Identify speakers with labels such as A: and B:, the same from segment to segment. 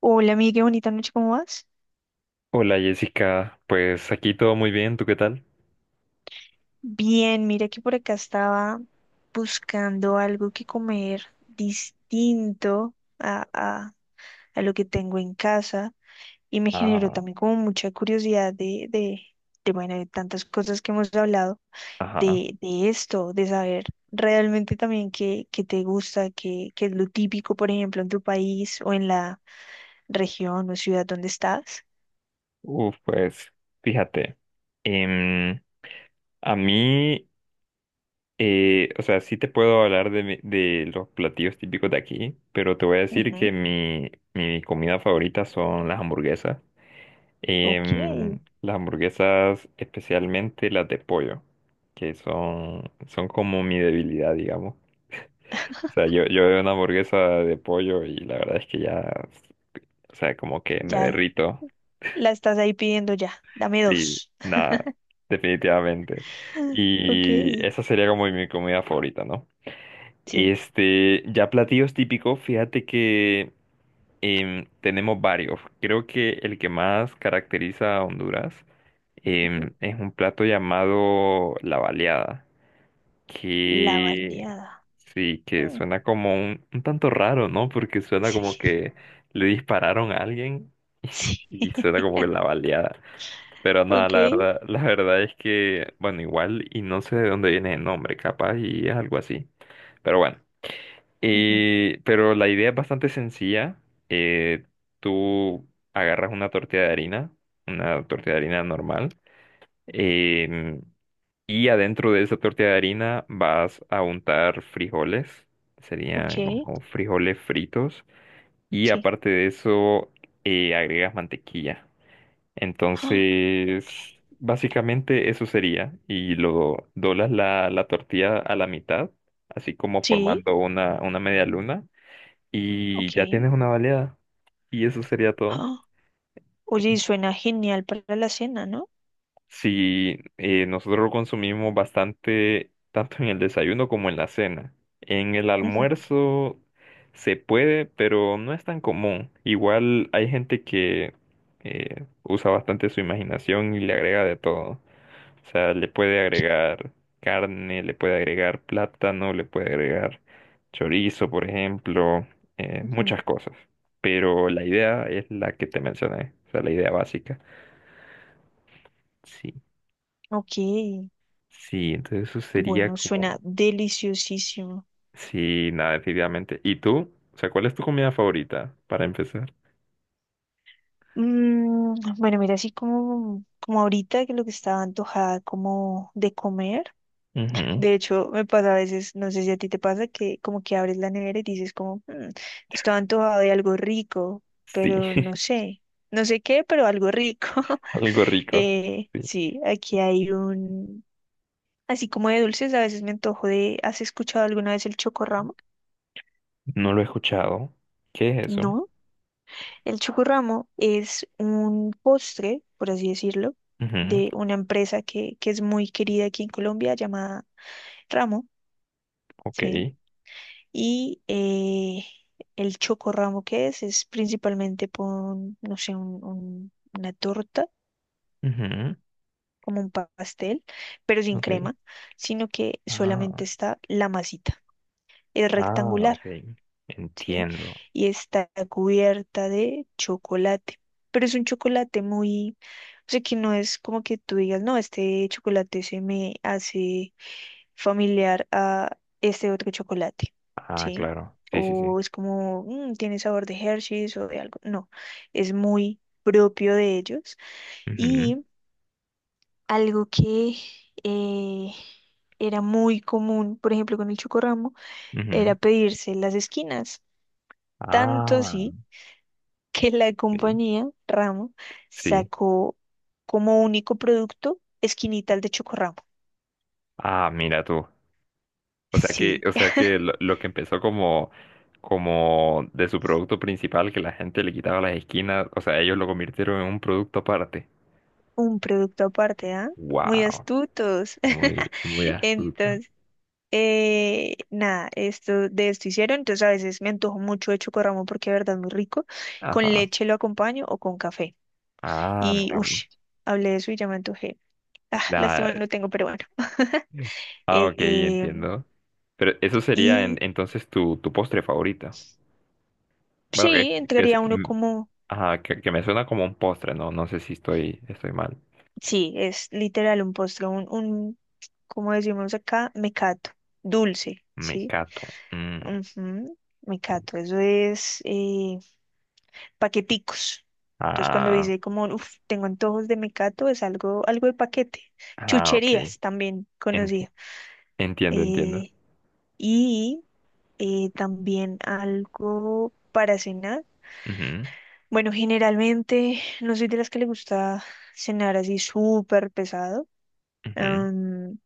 A: Hola, amiga, qué bonita noche, ¿cómo vas?
B: Hola Jessica, pues aquí todo muy bien, ¿tú qué tal?
A: Bien, mira que por acá estaba buscando algo que comer distinto a, a- a lo que tengo en casa, y me generó
B: Ah,
A: también como mucha curiosidad de bueno, de tantas cosas que hemos hablado,
B: ajá.
A: de esto, de saber realmente también qué, qué te gusta, qué, qué es lo típico, por ejemplo, en tu país o en la región o ciudad donde estás.
B: Uf, pues, fíjate. em, a mí, o sea, sí te puedo hablar de, de los platillos típicos de aquí, pero te voy a decir que
A: Ujú.
B: mi comida favorita son las hamburguesas.
A: Ok,
B: Las hamburguesas, especialmente las de pollo, que son, son como mi debilidad, digamos. O sea, yo veo una hamburguesa de pollo y la verdad es que ya, o sea, como que me
A: ya.
B: derrito.
A: La estás ahí pidiendo ya. Dame
B: Y
A: dos.
B: nada, definitivamente.
A: Ok.
B: Y esa sería como mi comida favorita, ¿no?
A: Sí.
B: Este, ya platillos típicos, fíjate que tenemos varios. Creo que el que más caracteriza a Honduras
A: Ujú.
B: es un plato llamado la baleada,
A: La
B: que
A: baleada.
B: sí, que
A: Mm.
B: suena como un tanto raro, ¿no? Porque suena como
A: Sí.
B: que le dispararon a alguien
A: Sí.
B: y suena como que la baleada. Pero nada,
A: Ok.
B: la verdad es que, bueno, igual, y no sé de dónde viene el nombre, capaz, y es algo así. Pero bueno,
A: Ujú.
B: pero la idea es bastante sencilla. Eh, Tú agarras una tortilla de harina, una tortilla de harina normal, em, y adentro de esa tortilla de harina vas a untar frijoles,
A: Ok.
B: serían como frijoles fritos, y
A: Sí.
B: aparte de eso, agregas mantequilla.
A: Ah, ok.
B: Entonces, básicamente eso sería. Y lo doblas la tortilla a la mitad, así como
A: Sí.
B: formando una media luna, y ya
A: Ok.
B: tienes una baleada. Y eso sería todo.
A: Ah. Oye, y suena genial para la cena, ¿no?
B: Si nosotros lo consumimos bastante, tanto en el desayuno como en la cena. En el
A: Ujú.
B: almuerzo se puede, pero no es tan común. Igual hay gente que usa bastante su imaginación y le agrega de todo. O sea, le puede agregar carne, le puede agregar plátano, le puede agregar chorizo, por ejemplo,
A: Ujú.
B: muchas cosas. Pero la idea es la que te mencioné, o sea, la idea básica. Sí,
A: Ok,
B: sí, entonces eso sería
A: bueno, suena
B: como...
A: deliciosísimo.
B: Sí, nada, definitivamente. ¿Y tú? O sea, ¿cuál es tu comida favorita para empezar?
A: Mm, bueno, mira, así como ahorita que lo que estaba antojada como de comer.
B: Ujú.
A: De hecho, me pasa a veces, no sé si a ti te pasa, que como que abres la nevera y dices como, "Mm, estaba antojado de algo rico,
B: Sí,
A: pero no sé, no sé qué, pero algo rico".
B: algo rico. Sí,
A: Sí, aquí hay un, así como de dulces, a veces me antojo de, ¿has escuchado alguna vez el chocorramo?
B: no lo he escuchado. ¿Qué es eso?
A: No, el chocorramo es un postre, por así decirlo,
B: Ujú.
A: de una empresa que es muy querida aquí en Colombia llamada Ramo,
B: Ok.
A: ¿sí? Y el chocorramo, que es principalmente pon, no sé, una torta,
B: Ujú.
A: como un pastel, pero sin
B: Ok.
A: crema, sino que solamente
B: Ah.
A: está la masita. Es
B: Ah,
A: rectangular,
B: ok.
A: ¿sí?
B: Entiendo.
A: Y está cubierta de chocolate. Pero es un chocolate muy, o sea, que no es como que tú digas, no, este chocolate se me hace familiar a este otro chocolate,
B: Ah,
A: ¿sí?
B: claro. Sí, sí, sí.
A: O es como, "Mm, tiene sabor de Hershey's o de algo". No, es muy propio de ellos.
B: Ujú,
A: Y algo que eh, era muy común, por ejemplo, con el Chocorramo, era
B: ujú.
A: pedirse las esquinas. Tanto
B: Ah,
A: así que la
B: sí.
A: compañía Ramo
B: Sí.
A: sacó como único producto esquinitas de Chocorramo.
B: Ah, mira tú.
A: Sí.
B: O sea que lo que empezó como, como de su producto principal, que la gente le quitaba las esquinas, o sea, ellos lo convirtieron en un producto aparte.
A: Un producto aparte, ¿ah? Muy
B: Wow.
A: astutos.
B: Muy, muy astuto.
A: Entonces, nada, esto, de esto hicieron. Entonces, a veces me antojo mucho de chocorramo porque de verdad es muy rico. Con
B: Ajá.
A: leche lo acompaño o con café.
B: Ah,
A: Y,
B: mira.
A: uff,
B: Vos.
A: hablé de eso y ya me antojé. Ah,
B: La...
A: lástima
B: Ah,
A: no tengo, pero bueno.
B: ah,
A: Eh,
B: ok,
A: eh,
B: entiendo. Pero eso sería
A: y
B: entonces tu postre favorito. Bueno,
A: sí,
B: que es,
A: entraría uno
B: mm,
A: como,
B: ajá, que me suena como un postre, ¿no? No sé si estoy, estoy mal.
A: sí, es literal un postre, como decimos acá, mecato, dulce, ¿sí?
B: Mecato. Mm.
A: Ujú. Mecato, eso es paqueticos. Entonces cuando
B: Ah,
A: dice como, uff, tengo antojos de mecato, es algo, algo de paquete.
B: ah, ok.
A: Chucherías también
B: Enti-
A: conocía.
B: Entiendo, entiendo.
A: Eh, y también algo para cenar.
B: Ujú,
A: Bueno, generalmente no soy de las que le gusta cenar así súper pesado,
B: ujú,
A: am,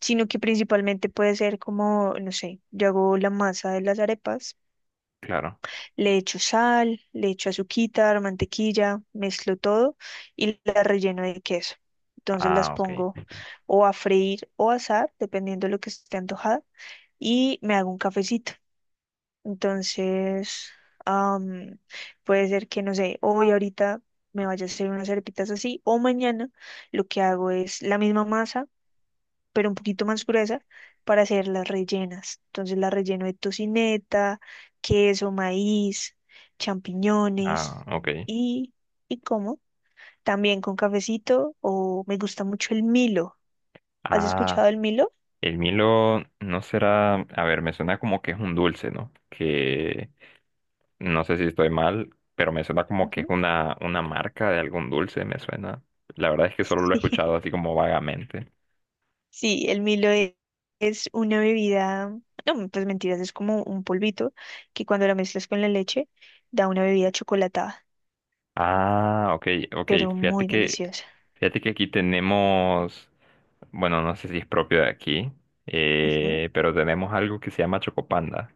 A: sino que principalmente puede ser como, no sé, yo hago la masa de las arepas.
B: claro.
A: Le echo sal, le echo azuquitar, mantequilla, mezclo todo y las relleno de queso. Entonces las
B: Ah, ok.
A: pongo o a freír o a asar, dependiendo de lo que esté antojada, y me hago un cafecito. Entonces, am, puede ser que, no sé, hoy ahorita me vaya a hacer unas arepitas así, o mañana lo que hago es la misma masa pero un poquito más gruesa, para hacer las rellenas. Entonces la relleno de tocineta, queso, maíz, champiñones
B: Ah, ok.
A: y, y como. También con cafecito, o me gusta mucho el Milo. ¿Has
B: Ah,
A: escuchado el Milo?
B: el Milo no será, a ver, me suena como que es un dulce, ¿no? Que no sé si estoy mal, pero me suena como que es
A: Ujú.
B: una marca de algún dulce, me suena. La verdad es que solo lo he
A: Sí.
B: escuchado así como vagamente.
A: Sí, el es una bebida, no, pues mentiras, es como un polvito que cuando la mezclas con la leche da una bebida chocolatada,
B: Ah, ok, ok.
A: pero
B: Fíjate
A: muy
B: que,
A: deliciosa.
B: fíjate que aquí tenemos, bueno, no sé si es propio de aquí,
A: Ujú.
B: pero tenemos algo que se llama Chocopanda,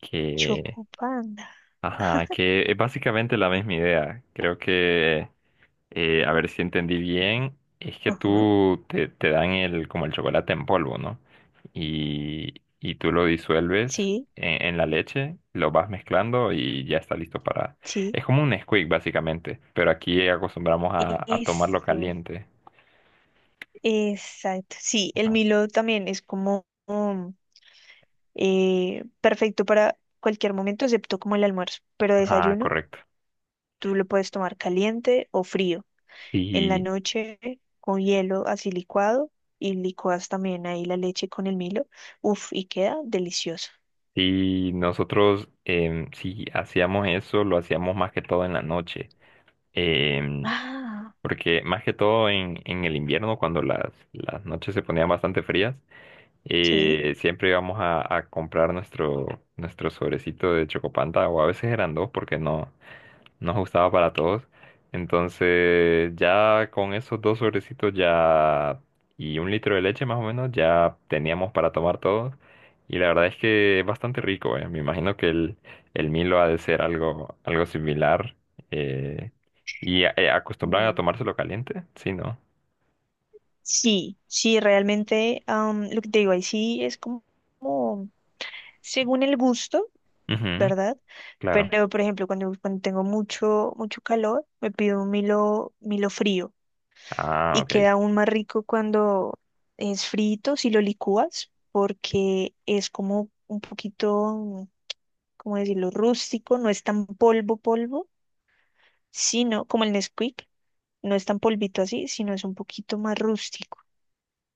B: que,
A: Chocopanda.
B: ajá, que es básicamente la misma idea. Creo que a ver si entendí bien, es que
A: Ajá.
B: tú te, te dan el, como el chocolate en polvo, ¿no? Y tú lo disuelves
A: Sí,
B: en la leche, lo vas mezclando y ya está listo para...
A: Sí,
B: Es como un Nesquik, básicamente, pero aquí acostumbramos a tomarlo
A: eso,
B: caliente.
A: exacto. Sí, el Milo también es como perfecto para cualquier momento, excepto como el almuerzo. Pero
B: Ah,
A: desayuno,
B: correcto.
A: tú lo puedes tomar caliente o frío. En la
B: Sí,
A: noche, con hielo así licuado, y licuas también ahí la leche con el Milo. Uf, y queda delicioso.
B: sí, nosotros sí hacíamos eso, lo hacíamos más que todo en la noche. Em,
A: Ah.
B: Porque más que todo en el invierno, cuando las noches se ponían bastante frías,
A: Sí,
B: y siempre íbamos a comprar nuestro, nuestro sobrecito de Chocopanta, o a veces eran dos porque no nos gustaba para todos. Entonces, ya con esos dos sobrecitos ya y un litro de leche más o menos, ya teníamos para tomar todos. Y la verdad es que es bastante rico, eh. Me imagino que el Milo ha de ser algo, algo similar. eh, y acostumbran a
A: mm,
B: tomárselo caliente, sí, ¿no?
A: sí, sí, realmente, lo que te digo ahí sí es como según el gusto.
B: Ujú,
A: ¿Verdad?
B: claro.
A: Pero, por ejemplo, cuando tengo mucho, mucho calor, me pido un Milo, Milo frío,
B: Ah,
A: y
B: ok.
A: queda aún más rico cuando es frito, si lo licúas, porque es como un poquito, ¿cómo decirlo?, rústico, no es tan polvo, polvo, sino como el Nesquik, no es tan polvito así, sino es un poquito más rústico.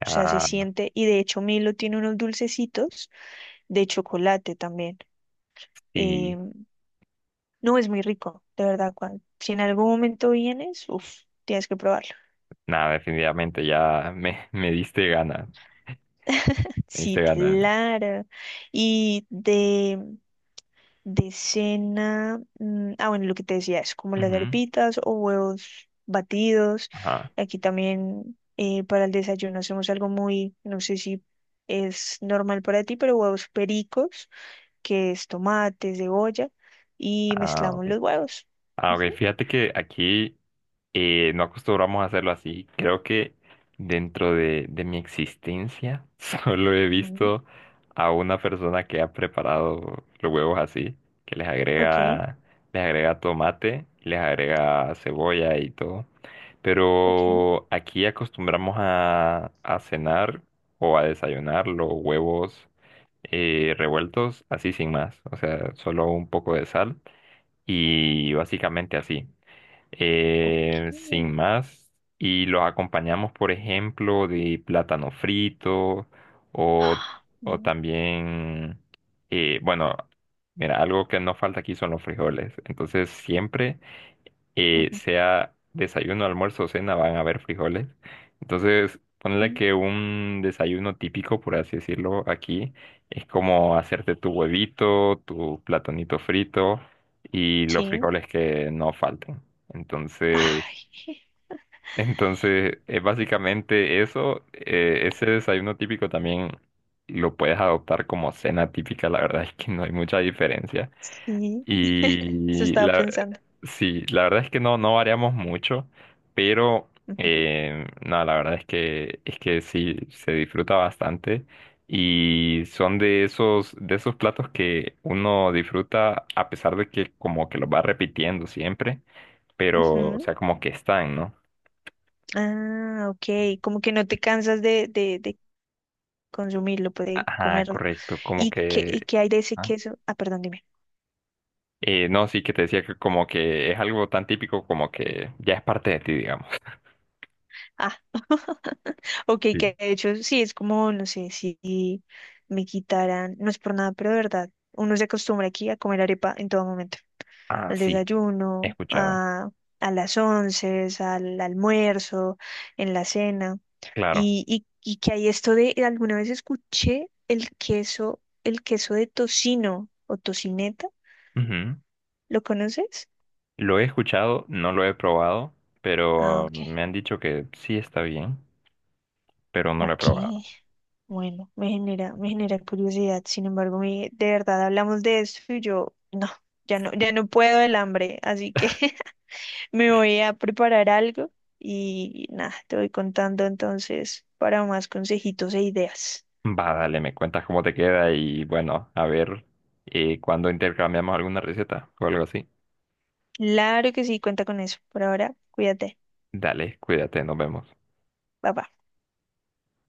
A: O sea, se
B: Ah,
A: siente, y de hecho Milo tiene unos dulcecitos de chocolate también.
B: sí.
A: em, No, es muy rico, de verdad, cuando, si en algún momento vienes, uff, tienes que probarlo.
B: Nada, definitivamente ya me diste gana. Me diste
A: Sí,
B: gana.
A: claro. Y de cena, mm, ah, bueno, lo que te decía es como las
B: Ujú.
A: arepitas o huevos batidos.
B: Ajá.
A: Aquí también para el desayuno hacemos algo muy, no sé si es normal para ti, pero huevos pericos, que es tomate, cebolla, y
B: Ah,
A: mezclamos
B: ok.
A: los huevos.
B: Ah, ok.
A: Ujú.
B: Fíjate que aquí. No acostumbramos a hacerlo así. Creo que dentro de mi existencia solo he
A: Mm.
B: visto a una persona que ha preparado los huevos así, que
A: Ok,
B: les agrega tomate, les agrega cebolla y todo.
A: ok,
B: Pero aquí acostumbramos a cenar o a desayunar los huevos revueltos así sin más. O sea, solo un poco de sal y básicamente así sin
A: ok.
B: más, y los acompañamos, por ejemplo, de plátano frito o, o
A: Mm,
B: también, bueno, mira, algo que no falta aquí son los frijoles. Entonces, siempre y
A: ujú,
B: sea desayuno, almuerzo o cena, van a haber frijoles. Entonces, ponle
A: ujú.
B: que un desayuno típico, por así decirlo, aquí es como hacerte tu huevito, tu platonito frito y los
A: Sí.
B: frijoles que no falten. Entonces,
A: Ay,
B: entonces es básicamente eso. Ese desayuno típico también lo puedes adoptar como cena típica. La verdad es que no hay mucha diferencia.
A: sí. Eso
B: Y
A: estaba
B: la,
A: pensando.
B: sí, la verdad es que no, no variamos mucho, pero
A: Ujú,
B: no, la verdad es que sí, se disfruta bastante. Y son de esos platos que uno disfruta a pesar de que como que los va repitiendo siempre, pero o
A: ujú.
B: sea, como que están, ¿no?
A: Ah, ok. Como que no te cansas de consumirlo, pues, de
B: Ajá,
A: comerlo.
B: correcto, como
A: Y
B: que...
A: qué hay de ese
B: ajá.
A: queso? Ah, perdón, dime.
B: No, sí, que te decía que como que es algo tan típico como que ya es parte de ti, digamos.
A: Ah. Ok, que de hecho sí, es como, no sé, si me quitaran, no es por nada, pero de verdad, uno se acostumbra aquí a comer arepa en todo momento.
B: Ah,
A: Al
B: sí, he
A: desayuno,
B: escuchado.
A: a las once, al almuerzo, en la cena.
B: Claro.
A: Y que hay esto de, alguna vez escuché el queso de tocino o tocineta,
B: Ujú.
A: ¿lo conoces?
B: Lo he escuchado, no lo he probado,
A: Ah,
B: pero
A: ok.
B: me han dicho que sí está bien, pero no lo he
A: Ok,
B: probado.
A: bueno, me genera curiosidad. Sin embargo, mi- de verdad hablamos de esto y yo no, ya no, ya no puedo el hambre, así que me voy a preparar algo y nada, te voy contando entonces para más consejitos e ideas.
B: Va, dale, me cuentas cómo te queda y bueno, a ver cuándo intercambiamos alguna receta o algo así.
A: Claro que sí, cuenta con eso. Por ahora, cuídate.
B: Dale, cuídate, nos vemos.
A: Bye bye.